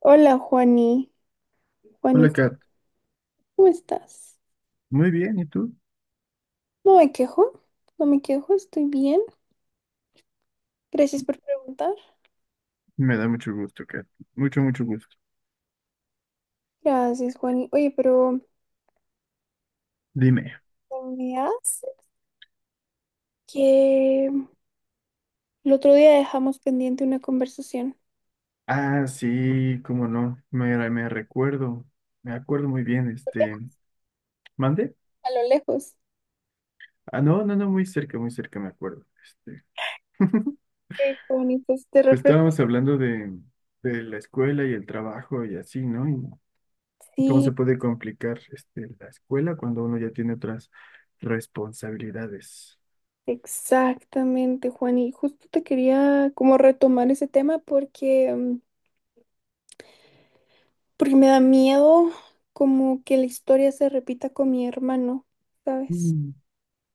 Hola, Juani. Juani, Hola, Kat. ¿cómo estás? Muy bien, ¿y tú? No me quejo, no me quejo, estoy bien. Gracias por preguntar. Me da mucho gusto, Kat. Mucho, mucho gusto. Gracias, Juani. Oye, pero Dime. ¿sabías que el otro día dejamos pendiente una conversación? Ah, sí, cómo no. Me recuerdo. Me acuerdo muy bien, ¿Mande? A lo lejos. Ah, no, no, no, muy cerca me acuerdo. Ok, Juani, pues te Pues refresco. estábamos hablando de la escuela y el trabajo y así, ¿no? Y cómo Sí, se puede complicar la escuela cuando uno ya tiene otras responsabilidades. exactamente, Juani. Justo te quería como retomar ese tema porque, porque me da miedo como que la historia se repita con mi hermano, ¿sabes? Mm,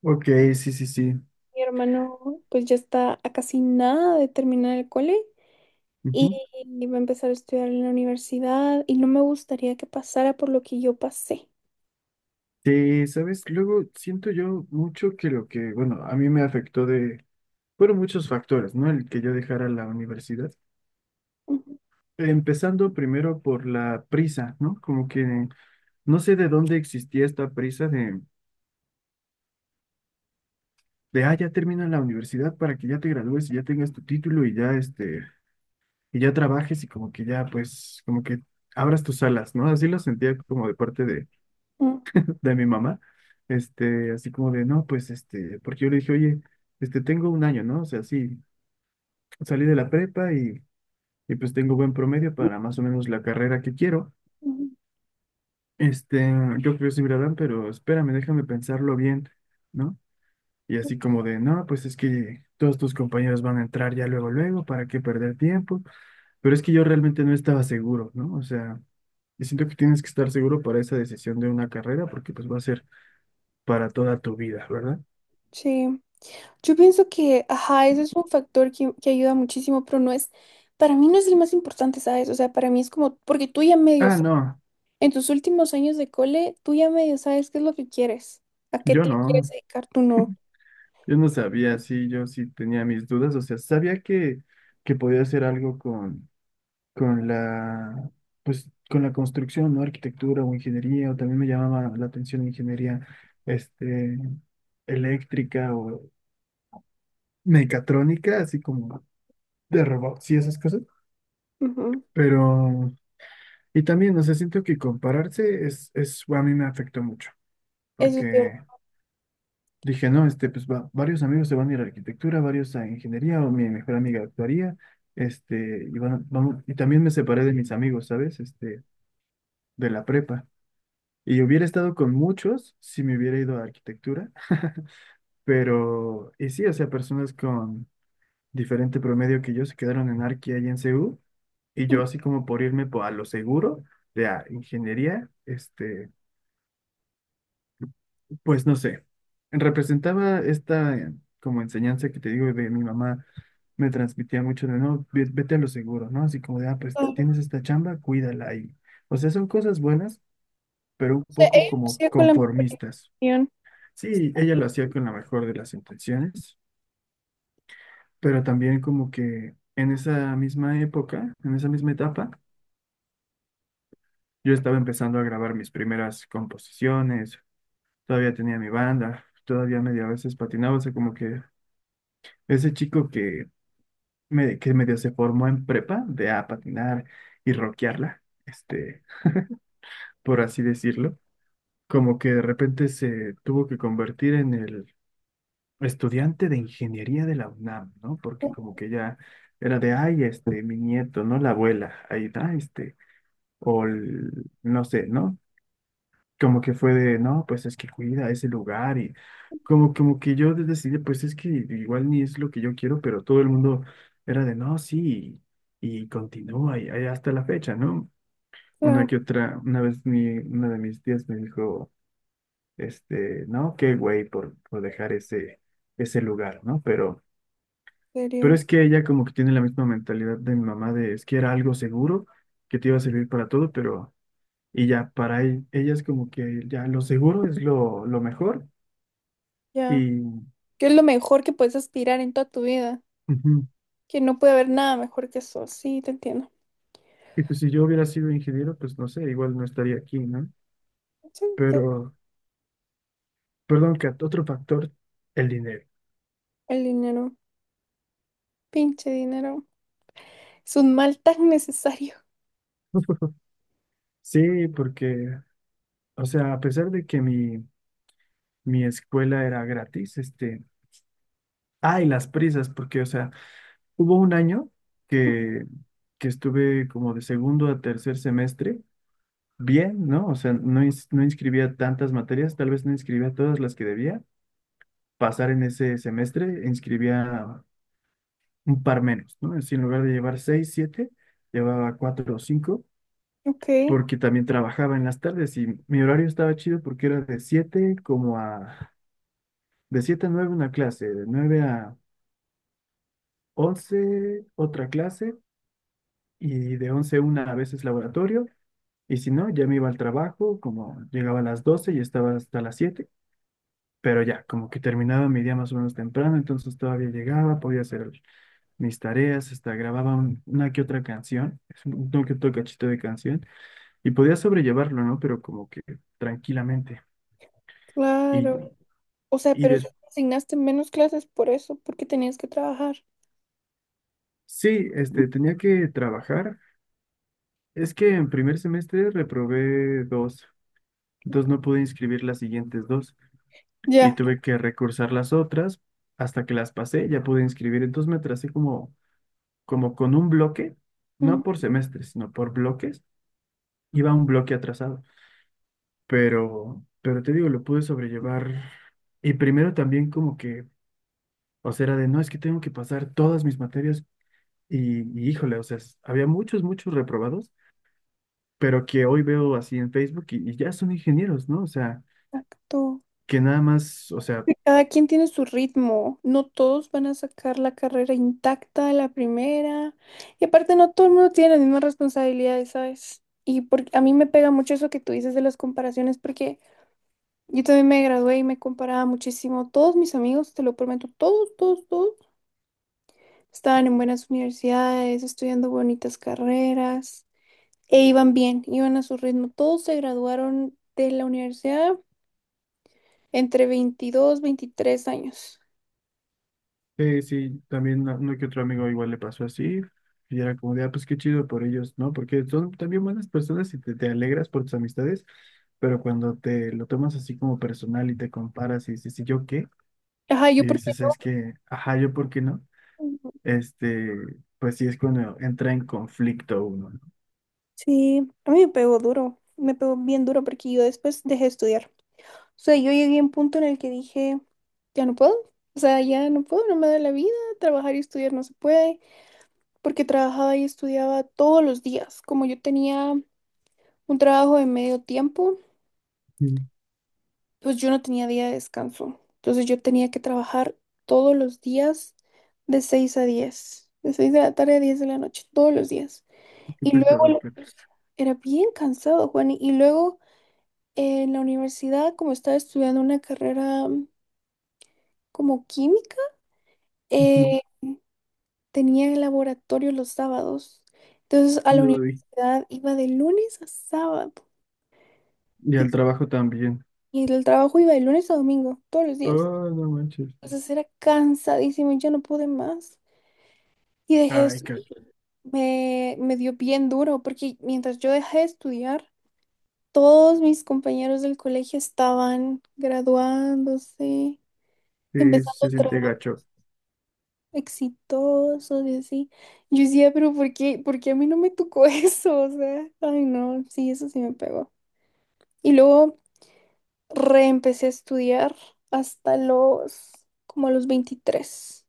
ok, sí, sí, sí. Mi hermano pues ya está a casi nada de terminar el cole y va a empezar a estudiar en la universidad y no me gustaría que pasara por lo que yo pasé. Sí, sabes, luego siento yo mucho que lo que, bueno, a mí me afectó de, fueron muchos factores, ¿no? El que yo dejara la universidad. Ujú, Empezando primero por la prisa, ¿no? Como que no sé de dónde existía esta prisa de, ah, ya termina la universidad para que ya te gradúes y ya tengas tu título y ya, y ya trabajes y como que ya, pues, como que abras tus alas, ¿no? Así lo sentía como de parte ujú, de mi mamá, así como de, no, pues, porque yo le dije, oye, tengo un año, ¿no? O sea, sí, salí de la prepa y pues tengo buen promedio para más o menos la carrera que quiero. Este, yo creo que sí me la dan, pero espérame, déjame pensarlo bien, ¿no? Y ujú. así como de, no, pues es que todos tus compañeros van a entrar ya luego, luego, ¿para qué perder tiempo? Pero es que yo realmente no estaba seguro, ¿no? O sea, yo siento que tienes que estar seguro para esa decisión de una carrera porque pues va a ser para toda tu vida, ¿verdad? Sí, yo pienso que, ajá, eso es un factor que ayuda muchísimo, pero para mí no es el más importante, ¿sabes? O sea, para mí es como, porque tú ya medio Ah, sabes, no, en tus últimos años de cole, tú ya medio sabes qué es lo que quieres, a qué yo te quieres no, dedicar, tú no. yo no sabía, sí, yo sí tenía mis dudas, o sea, sabía que podía hacer algo con la, pues, con la construcción, ¿no? Arquitectura o ingeniería, o también me llamaba la atención ingeniería, este, eléctrica o mecatrónica, así como de robots y esas cosas. Ujú. Pero, y también, no sé, siento que compararse a mí me afectó mucho, Eso es cierto. porque dije, no, pues varios amigos se van a ir a arquitectura, varios a ingeniería, o mi mejor amiga actuaría, y, vamos, y también me separé de mis amigos, ¿sabes? De la prepa. Y hubiera estado con muchos si me hubiera ido a arquitectura, pero, y sí, o sea, personas con diferente promedio que yo se quedaron en arqui y en CU, y Ujú, yo así como por irme a lo seguro de a ingeniería, pues no sé, representaba esta como enseñanza que te digo de mi mamá, me transmitía mucho de no, vete a lo seguro, ¿no? Así como de, ah, pues claro. O tienes esta chamba, cuídala y, o sea, son cosas buenas, pero un sea, poco ellos como hacían con la mejor conformistas. intención. Sí, ella lo hacía con la mejor de las intenciones, pero también como que en esa misma época, en esa misma etapa, yo estaba empezando a grabar mis primeras composiciones, todavía tenía mi banda, todavía medio a veces patinaba, o sea, como que ese chico que, me, que medio se formó en prepa de a patinar y rockearla, por así decirlo, como que de repente se tuvo que convertir en el estudiante de ingeniería de la UNAM, ¿no? Porque Oh, como que ya era de, ay, mi nieto, ¿no? La abuela, ahí está, o no sé, ¿no? Como que fue de, no, pues es que cuida ese lugar y como, como que yo decidí, pues es que igual ni es lo que yo quiero, pero todo el mundo era de, no, sí, y, continúa y, ahí hasta la fecha, ¿no? Una claro, que otra, una vez mi, una de mis tías me dijo, no, qué güey por dejar ese, ese lugar, ¿no? Pero en Pero serio. es que ella como que tiene la misma mentalidad de mi mamá de es que era algo seguro, que te iba a servir para todo, pero y ya para ella es como que ya lo seguro es lo mejor Ya. y, ¿Qué es lo mejor que puedes aspirar en toda tu vida? ujú. Que no puede haber nada mejor que eso. Sí, te entiendo. Y pues si yo hubiera sido ingeniero, pues no sé, igual no estaría aquí, ¿no? Sí, tú. Pero, perdón, Kat, otro factor, el dinero. El dinero. Pinche dinero. Es un mal tan necesario. Sí, porque, o sea, a pesar de que mi escuela era gratis, ay, las prisas, porque, o sea, hubo un año que, que estuve como de segundo a tercer semestre, bien, ¿no? O sea, no, no inscribía tantas materias, tal vez no inscribía todas las que debía pasar en ese semestre, inscribía un par menos, ¿no? Así, en lugar de llevar seis, siete, llevaba cuatro o cinco, Ok, porque también trabajaba en las tardes y mi horario estaba chido porque era de siete como a, de siete a nueve una clase, de nueve a once otra clase y de 11 a 1 a veces laboratorio. Y si no, ya me iba al trabajo, como llegaba a las 12 y estaba hasta las siete, pero ya, como que terminaba mi día más o menos temprano, entonces todavía llegaba, podía hacer mis tareas, hasta grababa una que otra canción, es un que otro cachito de canción, y podía sobrellevarlo, ¿no? Pero como que tranquilamente. Y, claro. O sea, y pero si asignaste menos clases por eso, porque tenías que trabajar. sí, tenía que trabajar. Es que en primer semestre reprobé dos, entonces no pude inscribir las siguientes dos. Y Ya. tuve que recursar las otras hasta que las pasé, ya pude inscribir. Entonces me tracé como, como con un bloque, Mm, no por semestres, sino por bloques. Iba un bloque atrasado, pero te digo, lo pude sobrellevar. Y primero también como que, o sea, era de, no, es que tengo que pasar todas mis materias y híjole, o sea, había muchos, muchos reprobados, pero que hoy veo así en Facebook y ya son ingenieros, ¿no? O sea, exacto. que nada más, o sea, Cada quien tiene su ritmo. No todos van a sacar la carrera intacta a la primera. Y aparte, no todo el mundo tiene las mismas responsabilidades, ¿sabes? A mí me pega mucho eso que tú dices de las comparaciones, porque yo también me gradué y me comparaba muchísimo. Todos mis amigos, te lo prometo, todos, todos, todos, estaban en buenas universidades, estudiando bonitas carreras. E iban bien, iban a su ritmo. Todos se graduaron de la universidad entre 22 23 años. sí, sí, también uno que otro amigo igual le pasó así, y era como de, ah, pues qué chido por ellos, ¿no? Porque son también buenas personas y te alegras por tus amistades, pero cuando te lo tomas así como personal y te comparas y dices, ¿y yo qué? Ajá, yo Y porque... dices, es que, ajá, ¿yo por qué no? Este, pues sí es cuando entra en conflicto uno, ¿no? Sí, a mí me pegó duro, me pegó bien duro porque yo después dejé de estudiar. O sea, yo llegué a un punto en el que dije, ya no puedo, o sea, ya no puedo, no me da la vida, trabajar y estudiar no se puede, porque trabajaba y estudiaba todos los días, como yo tenía un trabajo de medio tiempo. Sí. Pues yo no tenía día de descanso. Entonces yo tenía que trabajar todos los días de 6 a 10, de 6 de la tarde a 10 de la noche, todos los días. ¿Qué Y luego pesado, Kat? la- Era bien cansado, Juan. Y luego en la universidad, como estaba estudiando una carrera como química, Ujú, eh, tenía el laboratorio los sábados. Entonces a la uy. universidad iba de lunes a sábado Y y, al trabajo también. y el trabajo iba de lunes a domingo, todos los días. Oh, no manches. Entonces era cansadísimo y ya no pude más. Y dejé de Ay, Kat, estudiar. Me dio bien duro porque mientras yo dejé de estudiar, todos mis compañeros del colegio estaban graduándose, sí, empezando se siente trabajos gacho. exitosos y así. Yo decía, pero por qué a mí no me tocó eso? O sea, ay no, sí, eso sí me pegó. Y luego reempecé a estudiar hasta los, como a los 23.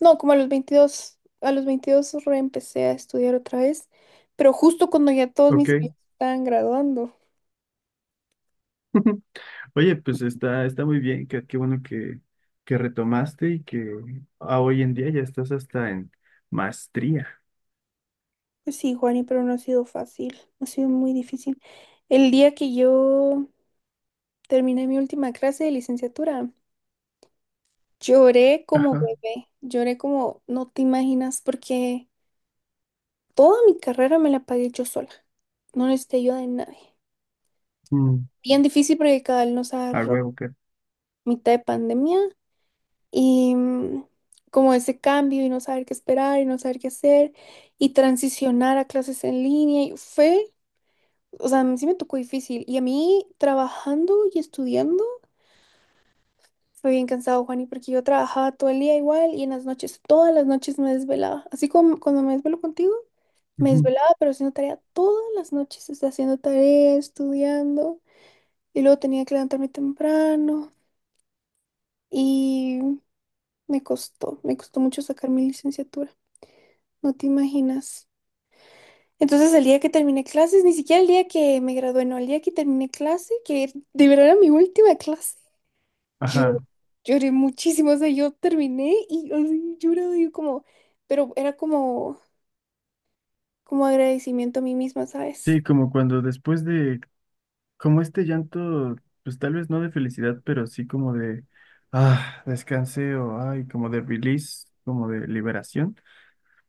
No, como a los 22 reempecé a estudiar otra vez, pero justo cuando ya todos mis Ok. amigos estaban graduando. Oye, pues está, está muy bien, qué, qué bueno que retomaste y que a hoy en día ya estás hasta en maestría. Pues sí, Juani, pero no ha sido fácil, no ha sido muy difícil. El día que yo terminé mi última clase de licenciatura, lloré como Ajá. bebé, lloré como no te imaginas, porque toda mi carrera me la pagué yo sola, no necesité ayuda de nadie. Mm, Bien difícil porque cada nos a agarró huevo, que. mitad de pandemia y como ese cambio y no saber qué esperar y no saber qué hacer y transicionar a clases en línea y fue, o sea, a mí sí me tocó difícil y a mí trabajando y estudiando fue bien cansado, Juani, porque yo trabajaba todo el día igual y en las noches, todas las noches me desvelaba, así como cuando me desvelo contigo. Me Ujú, desvelaba, pero haciendo tarea todas las noches, o sea, haciendo tarea, estudiando, y luego tenía que levantarme temprano, y me costó mucho sacar mi licenciatura, no te imaginas. Entonces el día que terminé clases, ni siquiera el día que me gradué, no, el día que terminé clase, que de verdad era mi última clase, ajá. yo lloré muchísimo, o sea, yo terminé y así llorado, yo como, pero era como, como agradecimiento a mí misma, ¿sabes? Sí, como cuando después de, como este llanto, pues tal vez no de felicidad, pero sí como de, ah, descanse o, ay, como de release, como de liberación.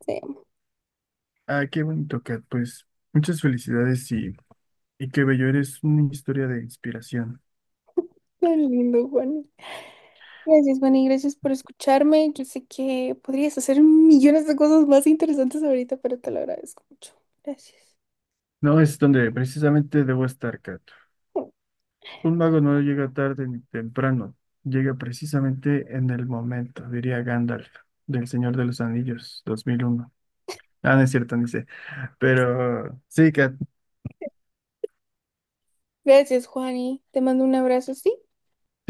Sí, Ah, qué bonito, Kat, pues muchas felicidades y qué bello, eres una historia de inspiración. tan lindo, Juan. Gracias, Juan, y gracias por escucharme. Yo sé que podrías hacer millones de cosas más interesantes ahorita, pero te lo agradezco mucho. Gracias. No es donde precisamente debo estar, Kat. Un mago no llega tarde ni temprano, llega precisamente en el momento, diría Gandalf, del Señor de los Anillos, 2001. Ah, no es cierto, ni sé. Pero sí, Kat, Gracias, Juani. Te mando un abrazo, ¿sí?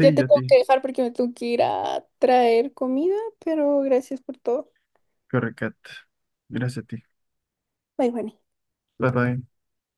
Ya te yo a tengo ti. que dejar porque me tengo que ir a traer comida, pero gracias por todo. Corre, Kat. Gracias a ti. Bye, Juani. Bye bye.